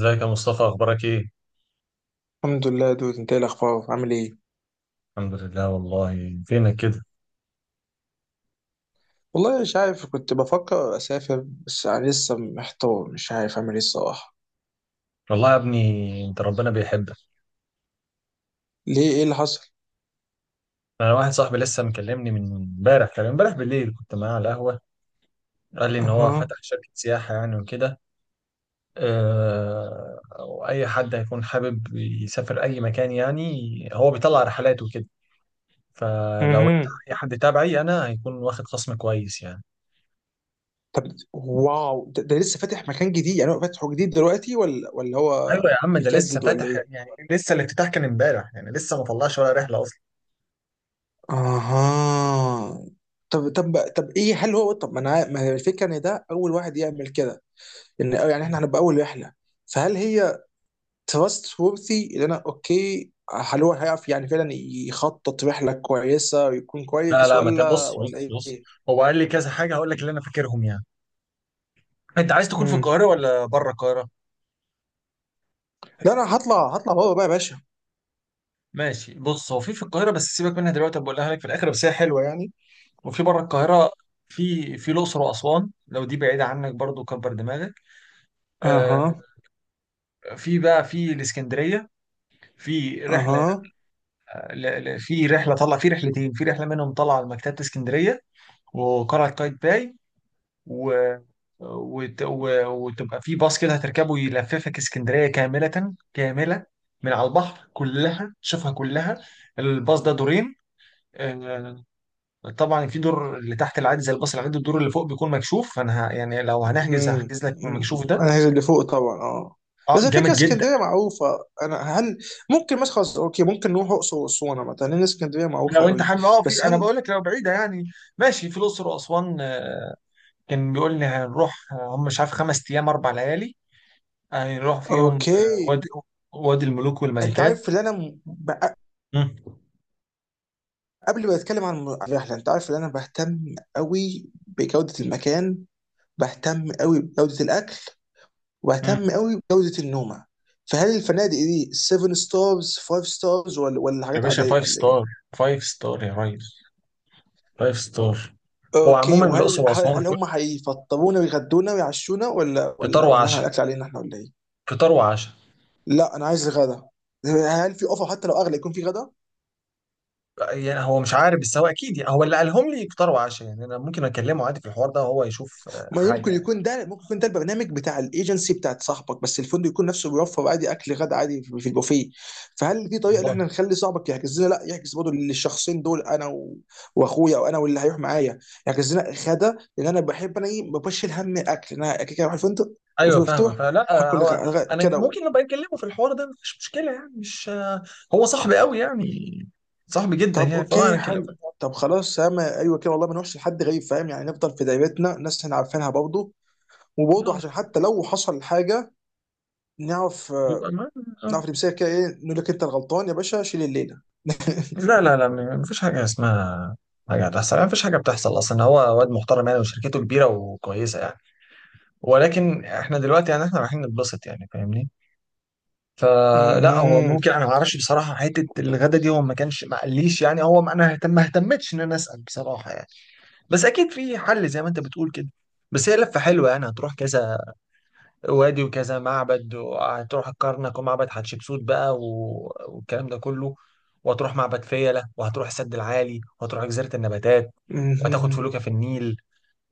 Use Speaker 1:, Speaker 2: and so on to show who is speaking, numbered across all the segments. Speaker 1: ازيك يا مصطفى؟ اخبارك ايه؟
Speaker 2: الحمد لله دود، انت ايه الاخبار عامل ايه؟
Speaker 1: الحمد لله. والله فينك كده؟
Speaker 2: والله مش عارف، كنت بفكر اسافر بس انا لسه محتار، مش عارف اعمل ايه الصراحه.
Speaker 1: والله يا ابني انت ربنا بيحبك.
Speaker 2: ليه، ايه اللي حصل؟
Speaker 1: انا واحد صاحبي لسه مكلمني من امبارح، كان امبارح بالليل كنت معاه على القهوه. قال لي ان هو
Speaker 2: اها.
Speaker 1: فتح شركه سياحه يعني وكده. واي حد هيكون حابب يسافر اي مكان يعني، هو بيطلع رحلات وكده. فلو انت
Speaker 2: اها.
Speaker 1: اي حد تابعي انا هيكون واخد خصم كويس يعني.
Speaker 2: طب واو، ده لسه فاتح مكان جديد؟ يعني هو فاتحه جديد دلوقتي ولا هو
Speaker 1: ايوه يا عم، ده لسه
Speaker 2: بيجدد ولا
Speaker 1: فاتح
Speaker 2: ايه؟
Speaker 1: يعني، لسه الافتتاح كان امبارح يعني، لسه ما طلعش ولا رحله اصلا.
Speaker 2: اها. طب ايه، هل هو طب ما انا ما هي الفكره ان ده اول واحد يعمل كده، ان يعني احنا هنبقى اول رحله، فهل هي تراست وورثي؟ اللي انا اوكي، هل هو هيعرف يعني فعلا يخطط رحله كويسه ويكون
Speaker 1: لا
Speaker 2: كويس
Speaker 1: لا، ما ت-
Speaker 2: ولا
Speaker 1: بص
Speaker 2: ولا
Speaker 1: بص.
Speaker 2: ايه؟
Speaker 1: هو قال لي كذا حاجه، هقول لك اللي انا فاكرهم يعني. انت عايز تكون في
Speaker 2: امم
Speaker 1: القاهره ولا بره القاهره؟
Speaker 2: لا انا هطلع، هطلع بابا بقى يا باشا.
Speaker 1: ماشي، بص، هو في القاهره بس سيبك منها دلوقتي، بقولها لك في الاخر، بس هي حلوه يعني. وفي بره القاهره، في الاقصر واسوان. لو دي بعيده عنك برضو كبر دماغك. آه.
Speaker 2: اها.
Speaker 1: في بقى في الاسكندريه، في رحله.
Speaker 2: اها.
Speaker 1: في رحله، طلع في رحلتين، في رحله منهم طلع على مكتبه اسكندريه وقلعه قايتباي و... وتبقى في باص كده هتركبه، يلففك اسكندرية كاملة كاملة من على البحر، كلها شوفها كلها. الباص ده دورين. آه، طبعا في دور اللي تحت العادي زي الباص العادي، الدور اللي فوق بيكون مكشوف، فانا يعني لو هنحجز
Speaker 2: امم
Speaker 1: هحجز لك من المكشوف ده.
Speaker 2: انا عايز اللي فوق طبعا، اه.
Speaker 1: اه
Speaker 2: بس على فكره
Speaker 1: جامد جدا.
Speaker 2: اسكندريه معروفه، انا هل ممكن مثلا خلاص، اوكي ممكن نروح اقصر واسوان مثلا، لان اسكندريه معروفه
Speaker 1: لو انت
Speaker 2: قوي.
Speaker 1: حابب اه، في
Speaker 2: بس
Speaker 1: انا
Speaker 2: هل
Speaker 1: بقول لك لو بعيده يعني، ماشي. في الاقصر واسوان، كان بيقول لي هنروح، هم مش عارف 5 ايام 4 ليالي هنروح فيهم،
Speaker 2: اوكي،
Speaker 1: وادي، وادي الملوك
Speaker 2: انت
Speaker 1: والملكات.
Speaker 2: عارف اللي انا،
Speaker 1: مم.
Speaker 2: قبل ما اتكلم عن الرحله، انت عارف ان انا بهتم قوي بجوده المكان، بهتم قوي بجوده الاكل،
Speaker 1: مم.
Speaker 2: وبهتم قوي بجوده النومه. فهل الفنادق دي 7 ستارز، 5 ستارز ولا
Speaker 1: يا
Speaker 2: حاجات
Speaker 1: باشا
Speaker 2: عاديه
Speaker 1: فايف
Speaker 2: ولا ايه؟
Speaker 1: ستار، فايف ستار يا ريس، فايف ستار. هو
Speaker 2: اوكي،
Speaker 1: عموما الاقصر
Speaker 2: وهل هل,
Speaker 1: واسوان
Speaker 2: هل هم هيفطرونا ويغدونا ويعشونا ولا
Speaker 1: فطار
Speaker 2: ولا ولا احنا
Speaker 1: وعشاء،
Speaker 2: الاكل علينا احنا ولا ايه؟
Speaker 1: فطار وعشاء.
Speaker 2: لا انا عايز غدا، هل في اوفر حتى لو اغلى يكون في غدا؟
Speaker 1: يعني هو مش عارف بس هو اكيد، يعني هو اللي قالهم لي فطار وعشاء يعني، انا ممكن اكلمه عادي في الحوار ده وهو يشوف
Speaker 2: ما
Speaker 1: حاجه
Speaker 2: يمكن
Speaker 1: يعني.
Speaker 2: يكون ده، ممكن يكون ده البرنامج بتاع الايجنسي بتاعت صاحبك، بس الفندق يكون نفسه بيوفر عادي اكل غدا عادي في البوفيه. فهل في طريقه ان
Speaker 1: والله
Speaker 2: احنا نخلي صاحبك يحجز لنا، لا يحجز برضه للشخصين دول، انا و... واخويا، او انا واللي هيروح معايا، يحجز لنا غدا، لان انا بحب، انا ايه، ما بشيل هم الاكل، انا كده كده هروح الفندق وفي
Speaker 1: ايوه فاهمك.
Speaker 2: مفتوح
Speaker 1: فلا،
Speaker 2: هاكل
Speaker 1: هو انا
Speaker 2: كده و...
Speaker 1: ممكن ابقى اكلمه في الحوار ده مفيش مشكله يعني، مش آه، هو صاحبي قوي يعني، صاحبي جدا
Speaker 2: طب
Speaker 1: يعني، فهو انا
Speaker 2: اوكي
Speaker 1: اكلمه في
Speaker 2: حلو.
Speaker 1: الحوار
Speaker 2: طب خلاص ياما ايوه كده والله، ما نروحش لحد غريب، فاهم يعني، نفضل في دايرتنا ناس احنا عارفينها برضه،
Speaker 1: ده.
Speaker 2: وبرضه عشان حتى لو حصل حاجه نعرف،
Speaker 1: يبقى معانا.
Speaker 2: نعرف نمسكها كده، ايه، نقول لك انت الغلطان يا باشا، شيل الليله.
Speaker 1: لا لا لا، مفيش حاجة اسمها حاجة هتحصل يعني، مفيش حاجة بتحصل أصلا. هو واد محترم يعني، وشركته كبيرة وكويسة يعني، ولكن إحنا دلوقتي يعني إحنا رايحين نتبسط يعني فاهمني. فلا هو
Speaker 2: مهم.
Speaker 1: ممكن، أنا معرفش بصراحة حتة الغدا دي، هو ما كانش ما قاليش يعني، هو ما أنا اهتم، ما اهتمتش إن أنا أسأل بصراحة يعني. بس أكيد في حل زي ما أنت بتقول كده. بس هي لفة حلوة يعني، هتروح كذا وادي وكذا معبد، وهتروح الكرنك ومعبد حتشبسوت بقى والكلام ده كله، وهتروح معبد فيلة وهتروح السد العالي وهتروح جزيرة النباتات، وهتاخد
Speaker 2: مهم.
Speaker 1: فلوكة في النيل،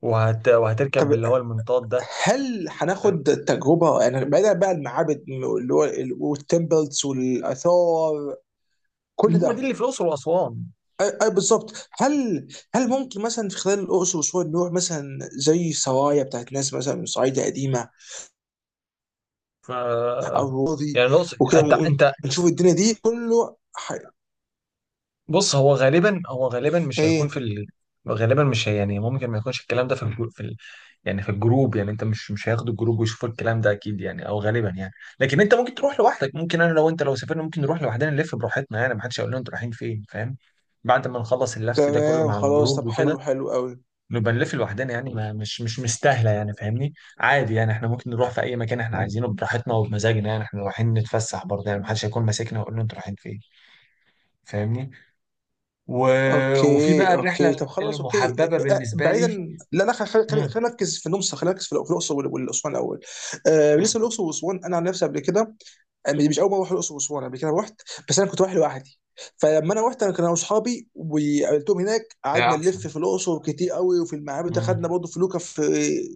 Speaker 2: طب
Speaker 1: وهتركب اللي هو المنطاد ده.
Speaker 2: هل
Speaker 1: فاهم؟
Speaker 2: هناخد تجربه يعني، بعيدا بقى المعابد اللي هو والتمبلز والاثار، كل
Speaker 1: هو دي
Speaker 2: ده؟
Speaker 1: اللي في الأقصر وأسوان.
Speaker 2: اي أي بالظبط. هل، هل ممكن مثلا في خلال الاقصر واسوان نروح مثلا زي سرايا بتاعت ناس مثلا من صعيدة قديمه،
Speaker 1: ف
Speaker 2: او راضي
Speaker 1: يعني الأقصر،
Speaker 2: وكده،
Speaker 1: أنت
Speaker 2: ونشوف الدنيا دي كله ح...
Speaker 1: بص، هو غالبا مش هيكون في
Speaker 2: ايه.
Speaker 1: غالبا مش هي... يعني ممكن ما يكونش الكلام ده في يعني في الجروب يعني، انت مش هياخدوا الجروب ويشوفوا الكلام ده اكيد يعني، او غالبا يعني. لكن انت ممكن تروح لوحدك، ممكن انا لو انت لو سافرنا ممكن نروح لوحدنا، نلف براحتنا يعني، محدش هيقول لنا انتوا رايحين فين، فاهم؟ بعد ما نخلص اللف ده كله
Speaker 2: تمام
Speaker 1: مع
Speaker 2: خلاص،
Speaker 1: الجروب
Speaker 2: طب
Speaker 1: وكده
Speaker 2: حلو حلو قوي.
Speaker 1: نبقى نلف لوحدنا يعني، ما مش مش مستاهله يعني، فاهمني؟ عادي يعني، احنا ممكن نروح في اي مكان احنا عايزينه براحتنا وبمزاجنا يعني، احنا رايحين نتفسح برضه يعني، محدش هيكون ماسكنا ويقول لنا انتوا رايحين فين. فاهمني؟ و... وفي
Speaker 2: اوكي
Speaker 1: بقى
Speaker 2: اوكي
Speaker 1: الرحله
Speaker 2: طب خلاص اوكي.
Speaker 1: المحببه
Speaker 2: آه،
Speaker 1: بالنسبه
Speaker 2: بعيدا.
Speaker 1: لي.
Speaker 2: لا لا،
Speaker 1: مم.
Speaker 2: خلينا نركز في النمسا، خلينا نركز في في الاقصر والاسوان الاول. آه،
Speaker 1: مم.
Speaker 2: بالنسبه للاقصر واسوان انا عن نفسي قبل كده، آه، مش اول مره اروح الاقصر واسوان، قبل كده رحت بس انا كنت رايح لوحدي، فلما انا رحت، انا كان انا واصحابي وقابلتهم هناك،
Speaker 1: ده
Speaker 2: قعدنا
Speaker 1: احسن.
Speaker 2: نلف في الاقصر كتير قوي وفي المعابد، خدنا برضه فلوكه في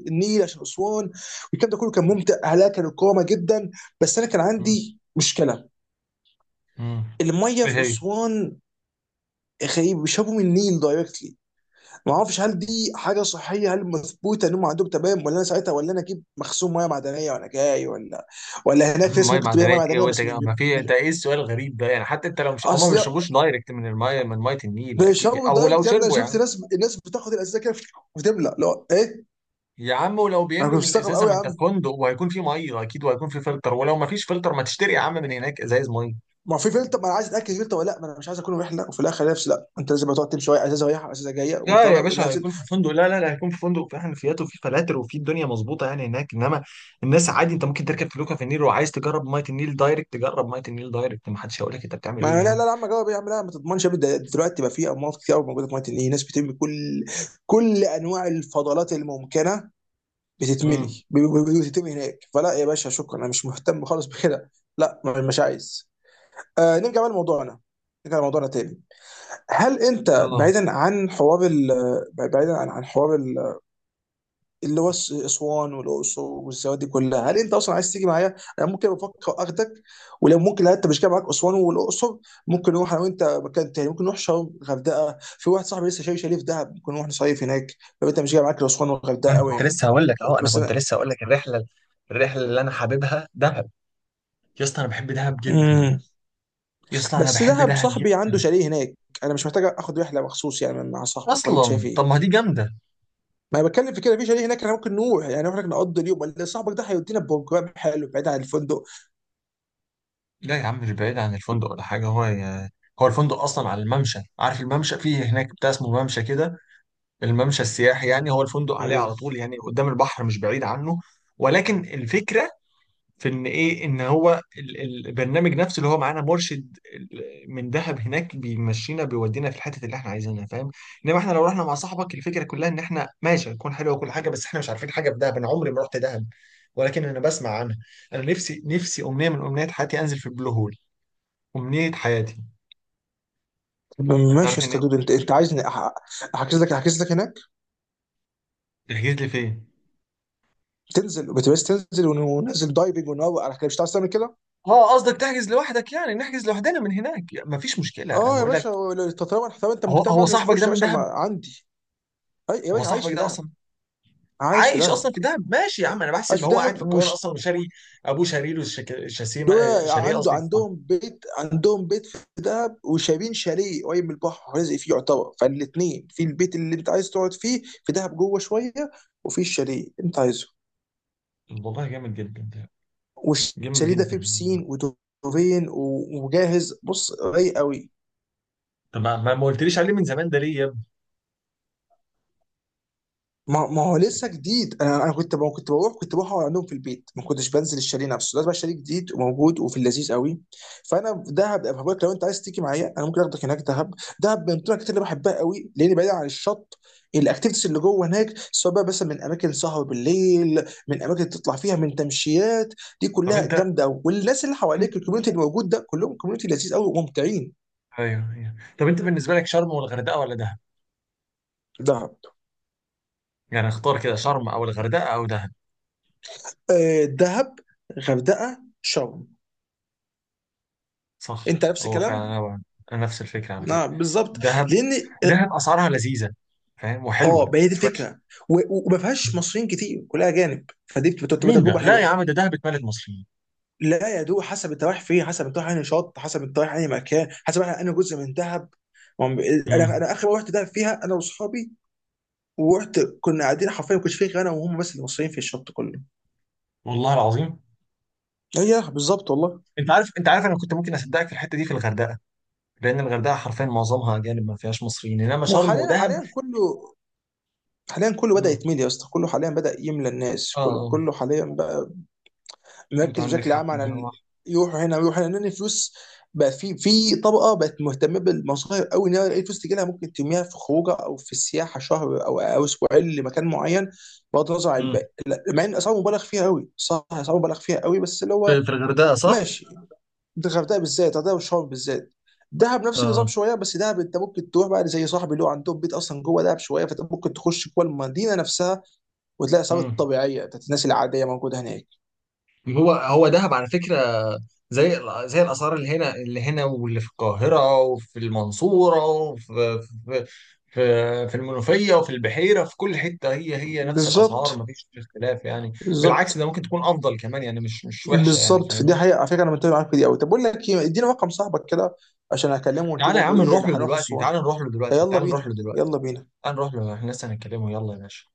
Speaker 2: النيل عشان اسوان، والكلام ده كله كان ممتع، اهلها كانوا كرامه جدا. بس انا كان
Speaker 1: مم.
Speaker 2: عندي مشكله،
Speaker 1: مم.
Speaker 2: الميه
Speaker 1: ايه
Speaker 2: في
Speaker 1: هي؟
Speaker 2: اسوان غريب، بيشربوا من النيل دايركتلي. ما اعرفش هل دي حاجه صحيه، هل مثبوته ان هم عندهم تمام، ولا انا ساعتها ولا انا اجيب مخزون ميه معدنيه وانا جاي، ولا ولا
Speaker 1: يا
Speaker 2: هناك في
Speaker 1: عم
Speaker 2: ناس
Speaker 1: ميه
Speaker 2: ممكن تبيع ميه
Speaker 1: معدنيه ايه
Speaker 2: معدنيه
Speaker 1: وانت
Speaker 2: بس مش،
Speaker 1: جاي؟ ما في، انت
Speaker 2: مش-
Speaker 1: ايه السؤال الغريب ده يعني؟ حتى انت لو مش، هما ما
Speaker 2: اصل
Speaker 1: بيشربوش دايركت من الميه، من ميه النيل اكيد،
Speaker 2: بيشربوا
Speaker 1: او لو
Speaker 2: دايركت يا ابني، انا
Speaker 1: شربوا يا
Speaker 2: شفت
Speaker 1: عم.
Speaker 2: ناس، الناس بتاخد الازازه كده وتملى، لا ايه.
Speaker 1: يا عم ولو
Speaker 2: انا كنت
Speaker 1: بيملوا من
Speaker 2: مستغرب
Speaker 1: الازازه،
Speaker 2: قوي
Speaker 1: ما
Speaker 2: يا
Speaker 1: انت في
Speaker 2: عم.
Speaker 1: فندق وهيكون في ميه اكيد، وهيكون في فلتر، ولو ما فيش فلتر ما تشتري يا عم من هناك ازايز ميه.
Speaker 2: ما هو في فلتر، ما انا عايز اتاكد فلتر ولا لا، ما انا مش عايز اكون رحله وفي الاخر نفسي، لا انت لازم تقعد تمشي شويه ازازه رايحه ازازه جايه
Speaker 1: لا
Speaker 2: وطالع
Speaker 1: يا باشا،
Speaker 2: ونازل.
Speaker 1: هيكون في الفندق، لا لا لا، هيكون في فندق في حنفيات وفي فلاتر وفي الدنيا مظبوطه يعني هناك. انما الناس عادي، انت ممكن تركب فلوكه في النيل وعايز تجرب ميه النيل دايركت، تجرب ميه النيل دايركت، ما حدش هيقول لك انت بتعمل
Speaker 2: ما
Speaker 1: ايه
Speaker 2: لا لا
Speaker 1: يعني.
Speaker 2: لا يا عم، جاوب يا عم، لا ما تضمنش يا ابني، ده دلوقتي بقى في امراض كتير قوي موجوده في ميه النيل، ناس بترمي كل كل انواع الفضلات الممكنه،
Speaker 1: امم.
Speaker 2: بتتملي بتتم هناك، فلا يا باشا شكرا، انا مش مهتم خالص بكده. لا مش عايز. آه نرجع بقى لموضوعنا، نرجع لموضوعنا تاني. هل انت
Speaker 1: اه.
Speaker 2: بعيدا عن حوار ال، بعيدا عن حوار اللي هو اسوان والاقصر والسواد دي كلها، هل انت اصلا عايز تيجي معايا؟ انا ممكن بفكر اخدك، ولو ممكن لا انت مش جاي معاك اسوان والاقصر، ممكن نروح انا وانت مكان تاني، ممكن نروح شرم غردقه، في واحد صاحبي لسه شايف شاليه في دهب، ممكن نروح نصيف هناك لو انت مش جاي معاك الاسوان والغردقه
Speaker 1: انا
Speaker 2: قوي
Speaker 1: كنت
Speaker 2: يعني.
Speaker 1: لسه هقول لك اهو، انا
Speaker 2: بس
Speaker 1: كنت
Speaker 2: انا.
Speaker 1: لسه هقول لك الرحله، الرحله اللي انا حاببها دهب. يا اسطى انا بحب دهب جدا،
Speaker 2: مم.
Speaker 1: يا اسطى انا
Speaker 2: بس
Speaker 1: بحب
Speaker 2: دهب
Speaker 1: دهب
Speaker 2: صاحبي عنده
Speaker 1: جدا.
Speaker 2: شاليه هناك، انا مش محتاج اخد رحله مخصوص يعني مع صاحبك، ولا انت
Speaker 1: اصلا
Speaker 2: شايف
Speaker 1: طب ما
Speaker 2: ايه؟
Speaker 1: دي جامده.
Speaker 2: ما انا بتكلم في كده، في شاليه هناك احنا ممكن نروح يعني، نروح هناك نقضي اليوم، ولا صاحبك ده هيودينا بروجرام حلو بعيد عن الفندق؟
Speaker 1: لا يا عم مش بعيد عن الفندق ولا حاجه. هو الفندق اصلا على الممشى، عارف الممشى فيه هناك بتاع اسمه ممشى كده، الممشى السياحي يعني، هو الفندق عليه
Speaker 2: امم.
Speaker 1: على طول يعني، قدام البحر مش بعيد عنه. ولكن الفكره في ان ايه، ان هو البرنامج نفسه اللي هو معانا مرشد من دهب هناك بيمشينا، بيودينا في الحته اللي احنا عايزينها، فاهم؟ انما احنا لو رحنا مع صاحبك الفكره كلها ان احنا ماشي، هتكون حلوه وكل حاجه، بس احنا مش عارفين حاجه في دهب، انا عمري ما رحت دهب، ولكن انا بسمع عنها. انا نفسي، نفسي امنيه من امنيات حياتي انزل في البلو هول، امنيه حياتي.
Speaker 2: طب ماشي يا
Speaker 1: عارف ان.
Speaker 2: اسطى دود، انت انت عايزني احجز لك، احجز لك هناك،
Speaker 1: تحجز لي فين؟
Speaker 2: تنزل بتبس، تنزل وننزل دايفنج ونروق على كده، مش هتعرف تعمل كده؟
Speaker 1: اه قصدك تحجز لوحدك يعني، نحجز لوحدنا من هناك يعني، مفيش مشكله انا
Speaker 2: اه يا
Speaker 1: بقول لك.
Speaker 2: باشا، طب طب انت
Speaker 1: هو
Speaker 2: مهتم
Speaker 1: هو
Speaker 2: أوي انك
Speaker 1: صاحبك
Speaker 2: تخش
Speaker 1: ده
Speaker 2: يا
Speaker 1: من
Speaker 2: باشا، ما
Speaker 1: دهب؟
Speaker 2: عندي. يا
Speaker 1: هو
Speaker 2: باشا عايش
Speaker 1: صاحبك
Speaker 2: في
Speaker 1: ده
Speaker 2: دهب،
Speaker 1: اصلا
Speaker 2: عايش في
Speaker 1: عايش اصلا
Speaker 2: دهب،
Speaker 1: في دهب؟ ماشي يا عم، انا
Speaker 2: عايش
Speaker 1: بحسب
Speaker 2: في
Speaker 1: هو قاعد في
Speaker 2: دهب،
Speaker 1: القاهره اصلا وشاري. ابوه شاري له شك- شاسيمه آه،
Speaker 2: دول
Speaker 1: شاليه،
Speaker 2: عنده،
Speaker 1: قصدي، في.
Speaker 2: عندهم بيت، عندهم بيت في دهب، وشارين شاليه قريب من البحر، رازق فيه يعتبر، فالاثنين في البيت اللي انت عايز تقعد فيه في دهب جوه شويه، وفي الشاليه اللي انت عايزه.
Speaker 1: والله جامد جدا ده، جامد
Speaker 2: والشاليه ده فيه
Speaker 1: جدا.
Speaker 2: بسين ودوفين وجاهز، بص رايق قوي.
Speaker 1: طب ما قلتليش عليه من زمان ده ليه يا ابني؟
Speaker 2: ما هو لسه جديد، انا كنت ما كنت بروح، كنت بروح اقعد عندهم في البيت، ما كنتش بنزل الشاليه نفسه، ده بقى شاليه جديد وموجود وفي اللذيذ قوي. فانا في دهب أبقى بقولك، لو انت عايز تيجي معايا انا ممكن اخدك هناك دهب. دهب من الاماكن اللي بحبها قوي، لان بعيد عن الشط، الاكتيفيتيز اللي جوه هناك، سواء بقى مثلا من اماكن سهر بالليل، من اماكن تطلع فيها، من تمشيات، دي
Speaker 1: طب
Speaker 2: كلها
Speaker 1: انت.
Speaker 2: جامده قوي. والناس اللي حواليك الكوميونتي اللي موجود ده، كلهم كوميونتي لذيذ قوي وممتعين.
Speaker 1: ايوه ايوه، طب انت بالنسبه لك شرم والغردقه ولا دهب؟
Speaker 2: دهب.
Speaker 1: يعني اختار كده، شرم او الغردقه او دهب.
Speaker 2: آه، دهب. غردقه شرم.
Speaker 1: صح.
Speaker 2: انت نفس
Speaker 1: هو فعلا
Speaker 2: الكلام.
Speaker 1: هو انا نفس الفكره على فكره،
Speaker 2: نعم بالظبط.
Speaker 1: دهب.
Speaker 2: لان اه.
Speaker 1: دهب اسعارها لذيذه، فاهم؟
Speaker 2: آه،
Speaker 1: وحلوه
Speaker 2: ما هي دي
Speaker 1: مش وحشه.
Speaker 2: الفكره، وما فيهاش مصريين كتير، كلها اجانب، فدي بتبقى
Speaker 1: مين
Speaker 2: تجربه
Speaker 1: ده؟ لا يا
Speaker 2: حلوه.
Speaker 1: عم ده دهب اتملت مصريين.
Speaker 2: لا يا دوب، حسب انت رايح فين، حسب انت رايح انهي شط، حسب انت رايح انهي مكان، حسب. انا انا جزء من دهب، ما هم- انا،
Speaker 1: امم.
Speaker 2: انا اخر مره رحت دهب فيها انا واصحابي، ورحت كنا قاعدين حرفيا، ما كنتش فيه غير انا وهم بس اللي مصريين في الشط كله.
Speaker 1: والله العظيم.
Speaker 2: ايوه بالظبط والله.
Speaker 1: انت عارف انا كنت ممكن اصدقك في الحته دي في الغردقه، لان الغردقه حرفيا معظمها اجانب ما فيهاش مصريين، انما شرم
Speaker 2: وحاليا، حاليا
Speaker 1: ودهب.
Speaker 2: حاليا كله، حاليا كله بدأ
Speaker 1: مم.
Speaker 2: يتملي يا اسطى، كله حاليا بدأ يملى، الناس
Speaker 1: اه.
Speaker 2: كله،
Speaker 1: اه.
Speaker 2: كله حاليا بقى.
Speaker 1: انت
Speaker 2: نركز
Speaker 1: عندك
Speaker 2: بشكل
Speaker 1: حق
Speaker 2: عام على
Speaker 1: ان هو.
Speaker 2: يروحوا هنا ويروحوا هنا، لان الفلوس بقى، في طبقه بقت مهتمه بالمصايف قوي، ان هي اي فلوس تجي لها ممكن ترميها في خروجه او في السياحه، شهر او اسبوعين لمكان معين، بغض النظر عن
Speaker 1: مم.
Speaker 2: الباقي. لا، مع ان اسعار مبالغ فيها قوي، صح، اسعار مبالغ فيها قوي، بس اللي هو
Speaker 1: في في الغردقه، صح؟
Speaker 2: ماشي، ده الغردقه بالذات، الغردقه والشرم بالذات. دهب نفس النظام
Speaker 1: اه.
Speaker 2: شويه، بس دهب انت ممكن تروح بقى زي صاحبي اللي هو عندهم بيت اصلا جوه دهب شويه، فانت ممكن تخش جوه المدينه نفسها، وتلاقي الاسعار
Speaker 1: مم.
Speaker 2: الطبيعيه بتاعت الناس العاديه موجوده هناك.
Speaker 1: هو هو دهب على فكره، زي، زي الاسعار اللي هنا، اللي هنا واللي في القاهره وفي المنصوره وفي في المنوفيه وفي البحيره، في كل حته هي هي نفس الاسعار،
Speaker 2: بالظبط
Speaker 1: ما فيش اختلاف يعني. بالعكس
Speaker 2: بالظبط
Speaker 1: ده ممكن تكون افضل كمان يعني، مش وحشه يعني،
Speaker 2: بالظبط. في دي
Speaker 1: فاهمني؟
Speaker 2: حقيقة، على فكرة أنا متفق معاك في دي أوي. طب بقول لك إيه، اديني رقم صاحبك كده عشان أكلمه، ونشوف
Speaker 1: تعالى يا
Speaker 2: برضه
Speaker 1: عم
Speaker 2: إيه
Speaker 1: نروح
Speaker 2: اللي
Speaker 1: له
Speaker 2: هنروح
Speaker 1: دلوقتي،
Speaker 2: الصون.
Speaker 1: تعالى نروح له دلوقتي،
Speaker 2: فيلا
Speaker 1: تعالى نروح
Speaker 2: بينا،
Speaker 1: له دلوقتي،
Speaker 2: يلا بينا.
Speaker 1: تعالى نروح له، احنا لسه هنتكلمه، يلا يا باشا.